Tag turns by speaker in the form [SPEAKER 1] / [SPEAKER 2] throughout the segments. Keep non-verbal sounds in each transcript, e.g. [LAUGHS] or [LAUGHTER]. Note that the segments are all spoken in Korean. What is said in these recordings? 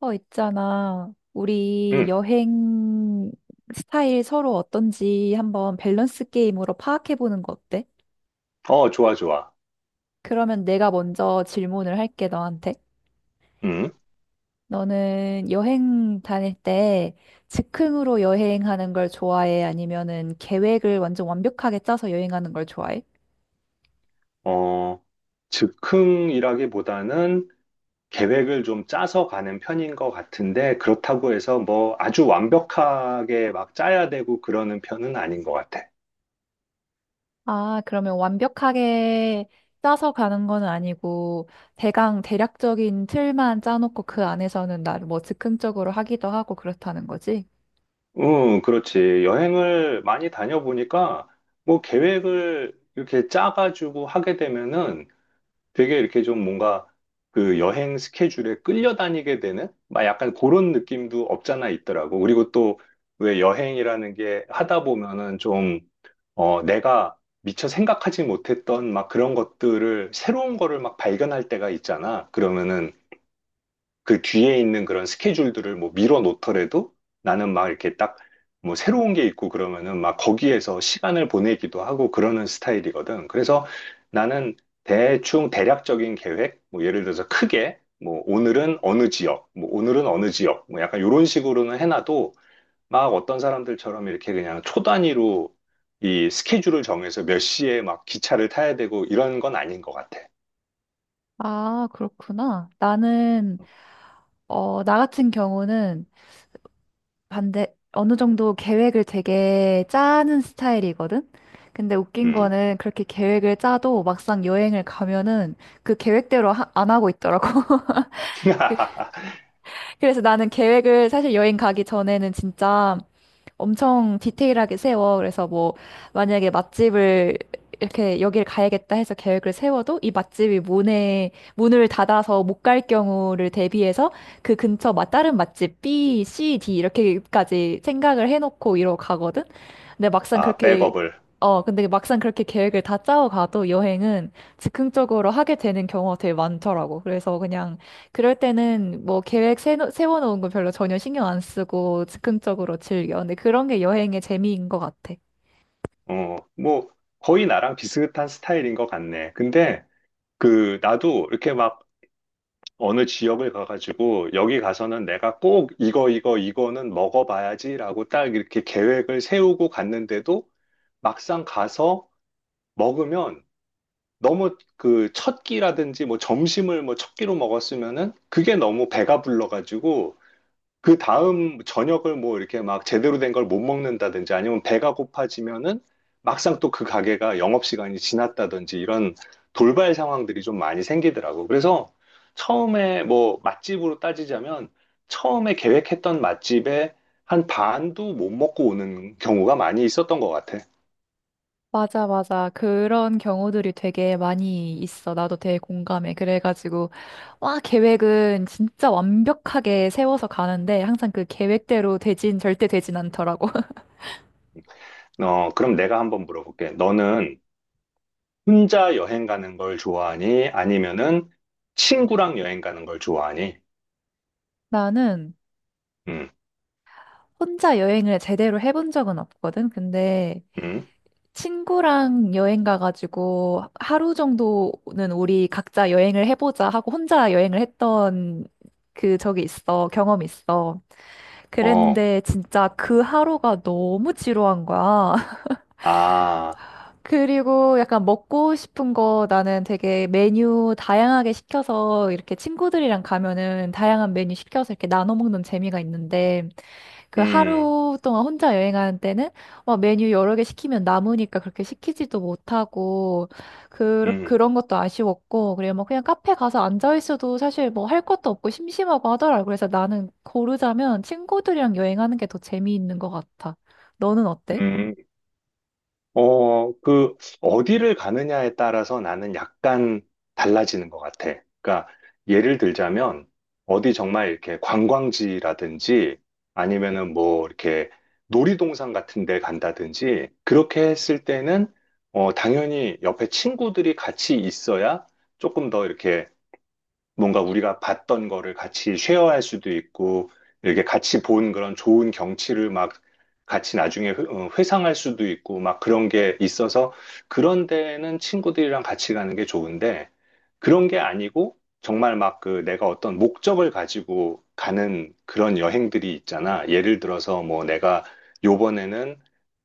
[SPEAKER 1] 있잖아. 우리
[SPEAKER 2] 응.
[SPEAKER 1] 여행 스타일 서로 어떤지 한번 밸런스 게임으로 파악해보는 거 어때?
[SPEAKER 2] 좋아, 좋아.
[SPEAKER 1] 그러면 내가 먼저 질문을 할게, 너한테.
[SPEAKER 2] 응.
[SPEAKER 1] 너는 여행 다닐 때 즉흥으로 여행하는 걸 좋아해? 아니면은 계획을 완전 완벽하게 짜서 여행하는 걸 좋아해?
[SPEAKER 2] 어, 즉흥이라기보다는 계획을 좀 짜서 가는 편인 것 같은데, 그렇다고 해서 뭐 아주 완벽하게 막 짜야 되고 그러는 편은 아닌 것 같아.
[SPEAKER 1] 아, 그러면 완벽하게 짜서 가는 건 아니고 대강 대략적인 틀만 짜놓고 그 안에서는 나를 뭐 즉흥적으로 하기도 하고 그렇다는 거지?
[SPEAKER 2] 응, 그렇지. 여행을 많이 다녀보니까, 뭐 계획을 이렇게 짜가지고 하게 되면은, 되게 이렇게 좀 뭔가 그 여행 스케줄에 끌려다니게 되는 막 약간 그런 느낌도 없잖아 있더라고. 그리고 또 왜 여행이라는 게 하다 보면은 좀 내가 미처 생각하지 못했던 막 그런 것들을 새로운 거를 막 발견할 때가 있잖아. 그러면은 그 뒤에 있는 그런 스케줄들을 뭐 밀어 놓더라도 나는 막 이렇게 딱 뭐 새로운 게 있고 그러면은 막 거기에서 시간을 보내기도 하고 그러는 스타일이거든. 그래서 나는 대충 대략적인 계획, 뭐 예를 들어서 크게 뭐 오늘은 어느 지역, 뭐 오늘은 어느 지역, 뭐 약간 이런 식으로는 해놔도 막 어떤 사람들처럼 이렇게 그냥 초단위로 이 스케줄을 정해서 몇 시에 막 기차를 타야 되고 이런 건 아닌 것 같아.
[SPEAKER 1] 아, 그렇구나. 나 같은 경우는 반대, 어느 정도 계획을 되게 짜는 스타일이거든? 근데 웃긴
[SPEAKER 2] 음.
[SPEAKER 1] 거는 그렇게 계획을 짜도 막상 여행을 가면은 그 계획대로 안 하고 있더라고. [LAUGHS]
[SPEAKER 2] [LAUGHS]
[SPEAKER 1] 그래서 나는 계획을 사실 여행 가기 전에는 진짜 엄청 디테일하게 세워. 그래서 뭐 만약에 맛집을 이렇게 여길 가야겠다 해서 계획을 세워도 이 맛집이 문에 문을 닫아서 못 갈 경우를 대비해서 그 근처 맛 다른 맛집 B, C, D 이렇게까지 생각을 해놓고 이러고 가거든. 근데 막상
[SPEAKER 2] 아,
[SPEAKER 1] 그렇게
[SPEAKER 2] 백업을.
[SPEAKER 1] 근데 막상 그렇게 계획을 다 짜고 가도 여행은 즉흥적으로 하게 되는 경우가 되게 많더라고. 그래서 그냥 그럴 때는 뭐 계획 세워놓은 거 별로 전혀 신경 안 쓰고 즉흥적으로 즐겨. 근데 그런 게 여행의 재미인 것 같아.
[SPEAKER 2] 뭐, 거의 나랑 비슷한 스타일인 것 같네. 근데, 그, 나도 이렇게 막 어느 지역을 가가지고, 여기 가서는 내가 꼭 이거, 이거, 이거는 먹어봐야지라고 딱 이렇게 계획을 세우고 갔는데도, 막상 가서 먹으면 너무 그 첫 끼라든지 뭐 점심을 뭐 첫 끼로 먹었으면은 그게 너무 배가 불러가지고 그 다음 저녁을 뭐 이렇게 막 제대로 된 걸 못 먹는다든지 아니면 배가 고파지면은 막상 또 그 가게가 영업시간이 지났다든지 이런 돌발 상황들이 좀 많이 생기더라고. 그래서 처음에 뭐 맛집으로 따지자면 처음에 계획했던 맛집에 한 반도 못 먹고 오는 경우가 많이 있었던 것 같아.
[SPEAKER 1] 맞아, 맞아. 그런 경우들이 되게 많이 있어. 나도 되게 공감해. 그래가지고, 와, 계획은 진짜 완벽하게 세워서 가는데, 항상 그 계획대로 절대 되진 않더라고. [LAUGHS]
[SPEAKER 2] 그럼 내가 한번 물어볼게. 너는 혼자 여행 가는 걸 좋아하니? 아니면은 친구랑 여행 가는 걸 좋아하니?
[SPEAKER 1] 나는
[SPEAKER 2] 음,
[SPEAKER 1] 혼자 여행을 제대로 해본 적은 없거든. 근데
[SPEAKER 2] 음.
[SPEAKER 1] 친구랑 여행 가가지고 하루 정도는 우리 각자 여행을 해보자 하고 혼자 여행을 했던 그 적이 있어. 경험이 있어.
[SPEAKER 2] 어,
[SPEAKER 1] 그랬는데 진짜 그 하루가 너무 지루한 거야. [LAUGHS]
[SPEAKER 2] 아,
[SPEAKER 1] 그리고 약간 먹고 싶은 거 나는 되게 메뉴 다양하게 시켜서 이렇게 친구들이랑 가면은 다양한 메뉴 시켜서 이렇게 나눠 먹는 재미가 있는데 그
[SPEAKER 2] 음,
[SPEAKER 1] 하루 동안 혼자 여행하는 때는 막 메뉴 여러 개 시키면 남으니까 그렇게 시키지도 못하고
[SPEAKER 2] 음,
[SPEAKER 1] 그런 것도 아쉬웠고 그래뭐 그냥 카페 가서 앉아 있어도 사실 뭐 할 것도 없고 심심하고 하더라고. 그래서 나는 고르자면 친구들이랑 여행하는 게 더 재미있는 것 같아. 너는 어때?
[SPEAKER 2] 음. 그, 어디를 가느냐에 따라서 나는 약간 달라지는 것 같아. 그러니까, 예를 들자면, 어디 정말 이렇게 관광지라든지, 아니면은 뭐, 이렇게 놀이동산 같은 데 간다든지, 그렇게 했을 때는, 당연히 옆에 친구들이 같이 있어야 조금 더 이렇게 뭔가 우리가 봤던 거를 같이 쉐어할 수도 있고, 이렇게 같이 본 그런 좋은 경치를 막 같이 나중에 회상할 수도 있고, 막 그런 게 있어서, 그런 데는 친구들이랑 같이 가는 게 좋은데, 그런 게 아니고, 정말 막 그 내가 어떤 목적을 가지고 가는 그런 여행들이 있잖아. 예를 들어서 뭐 내가 요번에는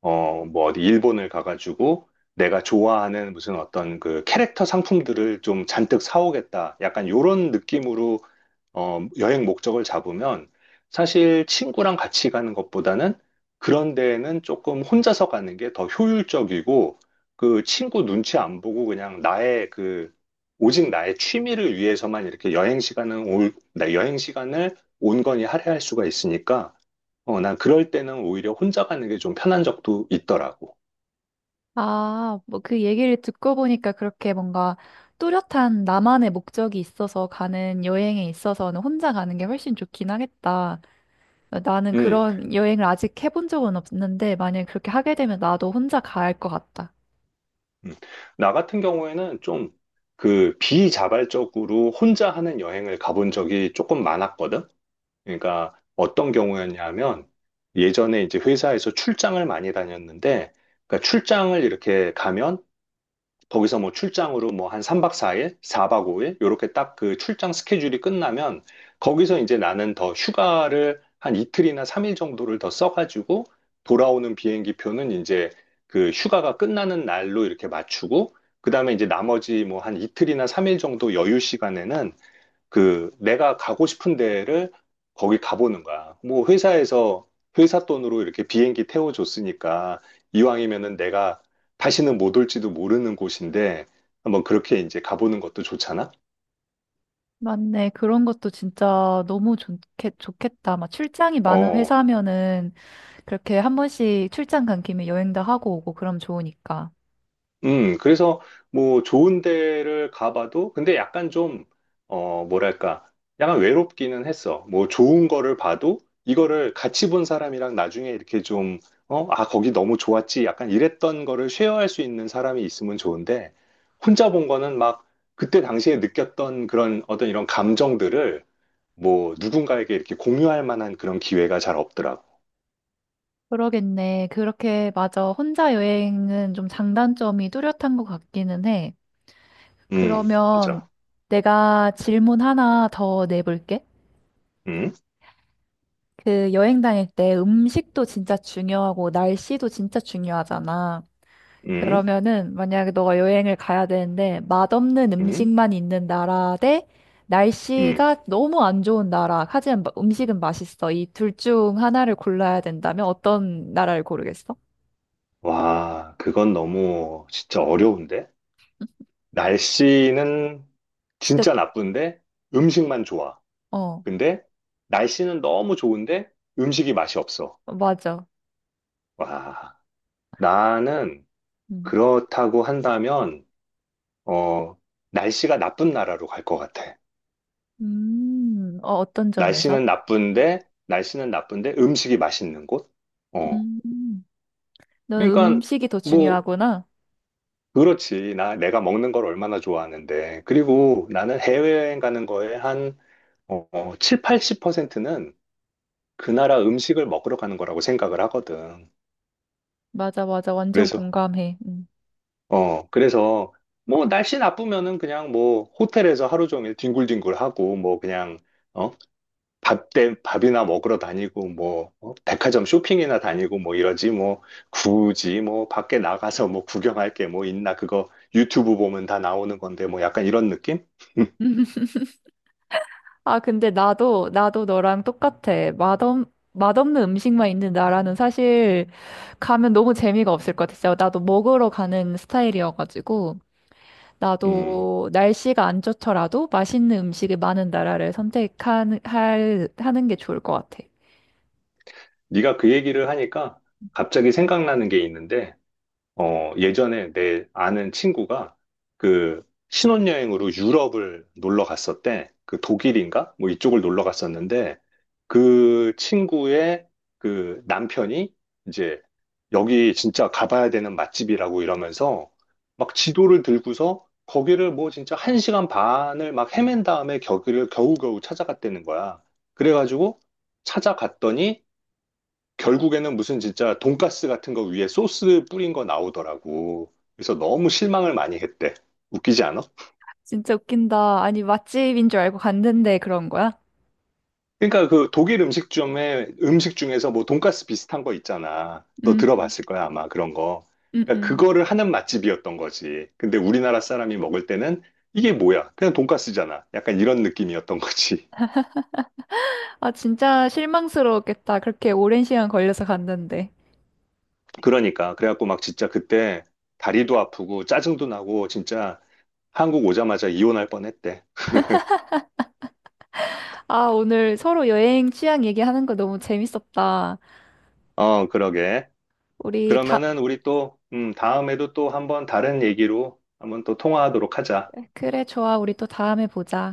[SPEAKER 2] 뭐 어디 일본을 가가지고 내가 좋아하는 무슨 어떤 그 캐릭터 상품들을 좀 잔뜩 사오겠다. 약간 요런 느낌으로 여행 목적을 잡으면 사실 친구랑 같이 가는 것보다는 그런 데에는 조금 혼자서 가는 게 더 효율적이고 그 친구 눈치 안 보고 그냥 나의 그 오직 나의 취미를 위해서만 이렇게 나 여행 시간을 온건히 할애할 수가 있으니까 난 그럴 때는 오히려 혼자 가는 게 좀 편한 적도 있더라고.
[SPEAKER 1] 아, 뭐 그 얘기를 듣고 보니까 그렇게 뭔가 뚜렷한 나만의 목적이 있어서 가는 여행에 있어서는 혼자 가는 게 훨씬 좋긴 하겠다. 나는
[SPEAKER 2] 음,
[SPEAKER 1] 그런 여행을 아직 해본 적은 없는데, 만약에 그렇게 하게 되면 나도 혼자 가야 할 것 같다.
[SPEAKER 2] 음. 나 같은 경우에는 좀 그 비자발적으로 혼자 하는 여행을 가본 적이 조금 많았거든. 그러니까 어떤 경우였냐면 예전에 이제 회사에서 출장을 많이 다녔는데, 그러니까 출장을 이렇게 가면 거기서 뭐 출장으로 뭐 한 3박 4일, 4박 5일, 요렇게 딱 그 출장 스케줄이 끝나면 거기서 이제 나는 더 휴가를 한 이틀이나 3일 정도를 더 써가지고 돌아오는 비행기 표는 이제 그 휴가가 끝나는 날로 이렇게 맞추고 그다음에 이제 나머지 뭐 한 이틀이나 3일 정도 여유 시간에는 그 내가 가고 싶은 데를 거기 가보는 거야. 뭐 회사에서 회사 돈으로 이렇게 비행기 태워줬으니까 이왕이면은 내가 다시는 못 올지도 모르는 곳인데 한번 그렇게 이제 가보는 것도 좋잖아?
[SPEAKER 1] 맞네. 그런 것도 진짜 좋겠다. 막 출장이 많은
[SPEAKER 2] 어,
[SPEAKER 1] 회사면은 그렇게 한 번씩 출장 간 김에 여행도 하고 오고 그럼 좋으니까.
[SPEAKER 2] 그래서 뭐 좋은 데를 가봐도 근데 약간 좀, 뭐랄까, 약간 외롭기는 했어. 뭐 좋은 거를 봐도 이거를 같이 본 사람이랑 나중에 이렇게 좀, 거기 너무 좋았지. 약간 이랬던 거를 쉐어할 수 있는 사람이 있으면 좋은데 혼자 본 거는 막 그때 당시에 느꼈던 그런 어떤 이런 감정들을 뭐 누군가에게 이렇게 공유할 만한 그런 기회가 잘 없더라고.
[SPEAKER 1] 그러겠네. 그렇게 맞아. 혼자 여행은 좀 장단점이 뚜렷한 것 같기는 해.
[SPEAKER 2] 음, 맞아.
[SPEAKER 1] 그러면 내가 질문 하나 더 내볼게.
[SPEAKER 2] 음,
[SPEAKER 1] 그 여행 다닐 때 음식도 진짜 중요하고 날씨도 진짜 중요하잖아.
[SPEAKER 2] 음,
[SPEAKER 1] 그러면은 만약에 너가 여행을 가야 되는데 맛없는
[SPEAKER 2] 음,
[SPEAKER 1] 음식만 있는 나라 대
[SPEAKER 2] 음.
[SPEAKER 1] 날씨가 너무 안 좋은 나라, 하지만 음식은 맛있어. 이 둘 중 하나를 골라야 된다면 어떤 나라를 고르겠어?
[SPEAKER 2] 와, 그건 너무 진짜 어려운데? 날씨는
[SPEAKER 1] 진짜,
[SPEAKER 2] 진짜 나쁜데 음식만 좋아.
[SPEAKER 1] 어,
[SPEAKER 2] 근데 날씨는 너무 좋은데 음식이 맛이 없어.
[SPEAKER 1] 맞아.
[SPEAKER 2] 와, 나는
[SPEAKER 1] 음,
[SPEAKER 2] 그렇다고 한다면, 어, 날씨가 나쁜 나라로 갈 것 같아.
[SPEAKER 1] 어, 어떤 점에서?
[SPEAKER 2] 날씨는 나쁜데, 날씨는 나쁜데 음식이 맛있는 곳? 어,
[SPEAKER 1] 음, 너는
[SPEAKER 2] 그러니까
[SPEAKER 1] 음식이 더
[SPEAKER 2] 뭐,
[SPEAKER 1] 중요하구나.
[SPEAKER 2] 그렇지. 내가 먹는 걸 얼마나 좋아하는데. 그리고 나는 해외여행 가는 거에 한 7, 80%는 그 나라 음식을 먹으러 가는 거라고 생각을 하거든.
[SPEAKER 1] 맞아, 맞아. 완전
[SPEAKER 2] 그래서,
[SPEAKER 1] 공감해.
[SPEAKER 2] 그래서, 뭐, 날씨 나쁘면은 그냥 뭐, 호텔에서 하루 종일 뒹굴뒹굴 하고, 뭐, 그냥, 어, 밥이나 먹으러 다니고, 뭐, 백화점 쇼핑이나 다니고, 뭐, 이러지, 뭐, 굳이 뭐, 밖에 나가서 뭐, 구경할 게 뭐 있나, 그거 유튜브 보면 다 나오는 건데, 뭐, 약간 이런 느낌? [LAUGHS]
[SPEAKER 1] 아, 근데 나도, 나도 너랑 똑같아. 맛없는 음식만 있는 나라는 사실 가면 너무 재미가 없을 것 같았어요. 나도 먹으러 가는 스타일이어가지고,
[SPEAKER 2] 음,
[SPEAKER 1] 나도 날씨가 안 좋더라도 맛있는 음식이 많은 나라를 하는 게 좋을 것 같아.
[SPEAKER 2] 네가 그 얘기를 하니까 갑자기 생각나는 게 있는데, 예전에 내 아는 친구가 그 신혼여행으로 유럽을 놀러 갔었대. 그 독일인가? 뭐 이쪽을 놀러 갔었는데 그 친구의 그 남편이 이제 여기 진짜 가봐야 되는 맛집이라고 이러면서 막 지도를 들고서 거기를 뭐 진짜 한 시간 반을 막 헤맨 다음에 거기를 겨우겨우 찾아갔다는 거야. 그래가지고 찾아갔더니 결국에는 무슨 진짜 돈가스 같은 거 위에 소스 뿌린 거 나오더라고. 그래서 너무 실망을 많이 했대. 웃기지 않아?
[SPEAKER 1] 진짜 웃긴다. 아니, 맛집인 줄 알고 갔는데 그런 거야?
[SPEAKER 2] 그러니까 그 독일 음식점에 음식 중에서 뭐 돈가스 비슷한 거 있잖아. 너
[SPEAKER 1] 음,
[SPEAKER 2] 들어봤을 거야, 아마 그런 거.
[SPEAKER 1] 음,
[SPEAKER 2] 그러니까
[SPEAKER 1] 음.
[SPEAKER 2] 그거를 하는 맛집이었던 거지. 근데 우리나라 사람이 먹을 때는 이게 뭐야? 그냥 돈가스잖아. 약간 이런 느낌이었던 거지.
[SPEAKER 1] 아, 진짜 실망스러웠겠다. 그렇게 오랜 시간 걸려서 갔는데.
[SPEAKER 2] [LAUGHS] 그러니까 그래갖고 막 진짜 그때 다리도 아프고 짜증도 나고 진짜 한국 오자마자 이혼할 뻔했대.
[SPEAKER 1] 아, 오늘 서로 여행 취향 얘기하는 거 너무 재밌었다.
[SPEAKER 2] 그러게.
[SPEAKER 1] 우리 다,
[SPEAKER 2] 그러면은 우리 또, 다음에도 또 한번 다른 얘기로 한번 또 통화하도록 하자.
[SPEAKER 1] 그래, 좋아. 우리 또 다음에 보자.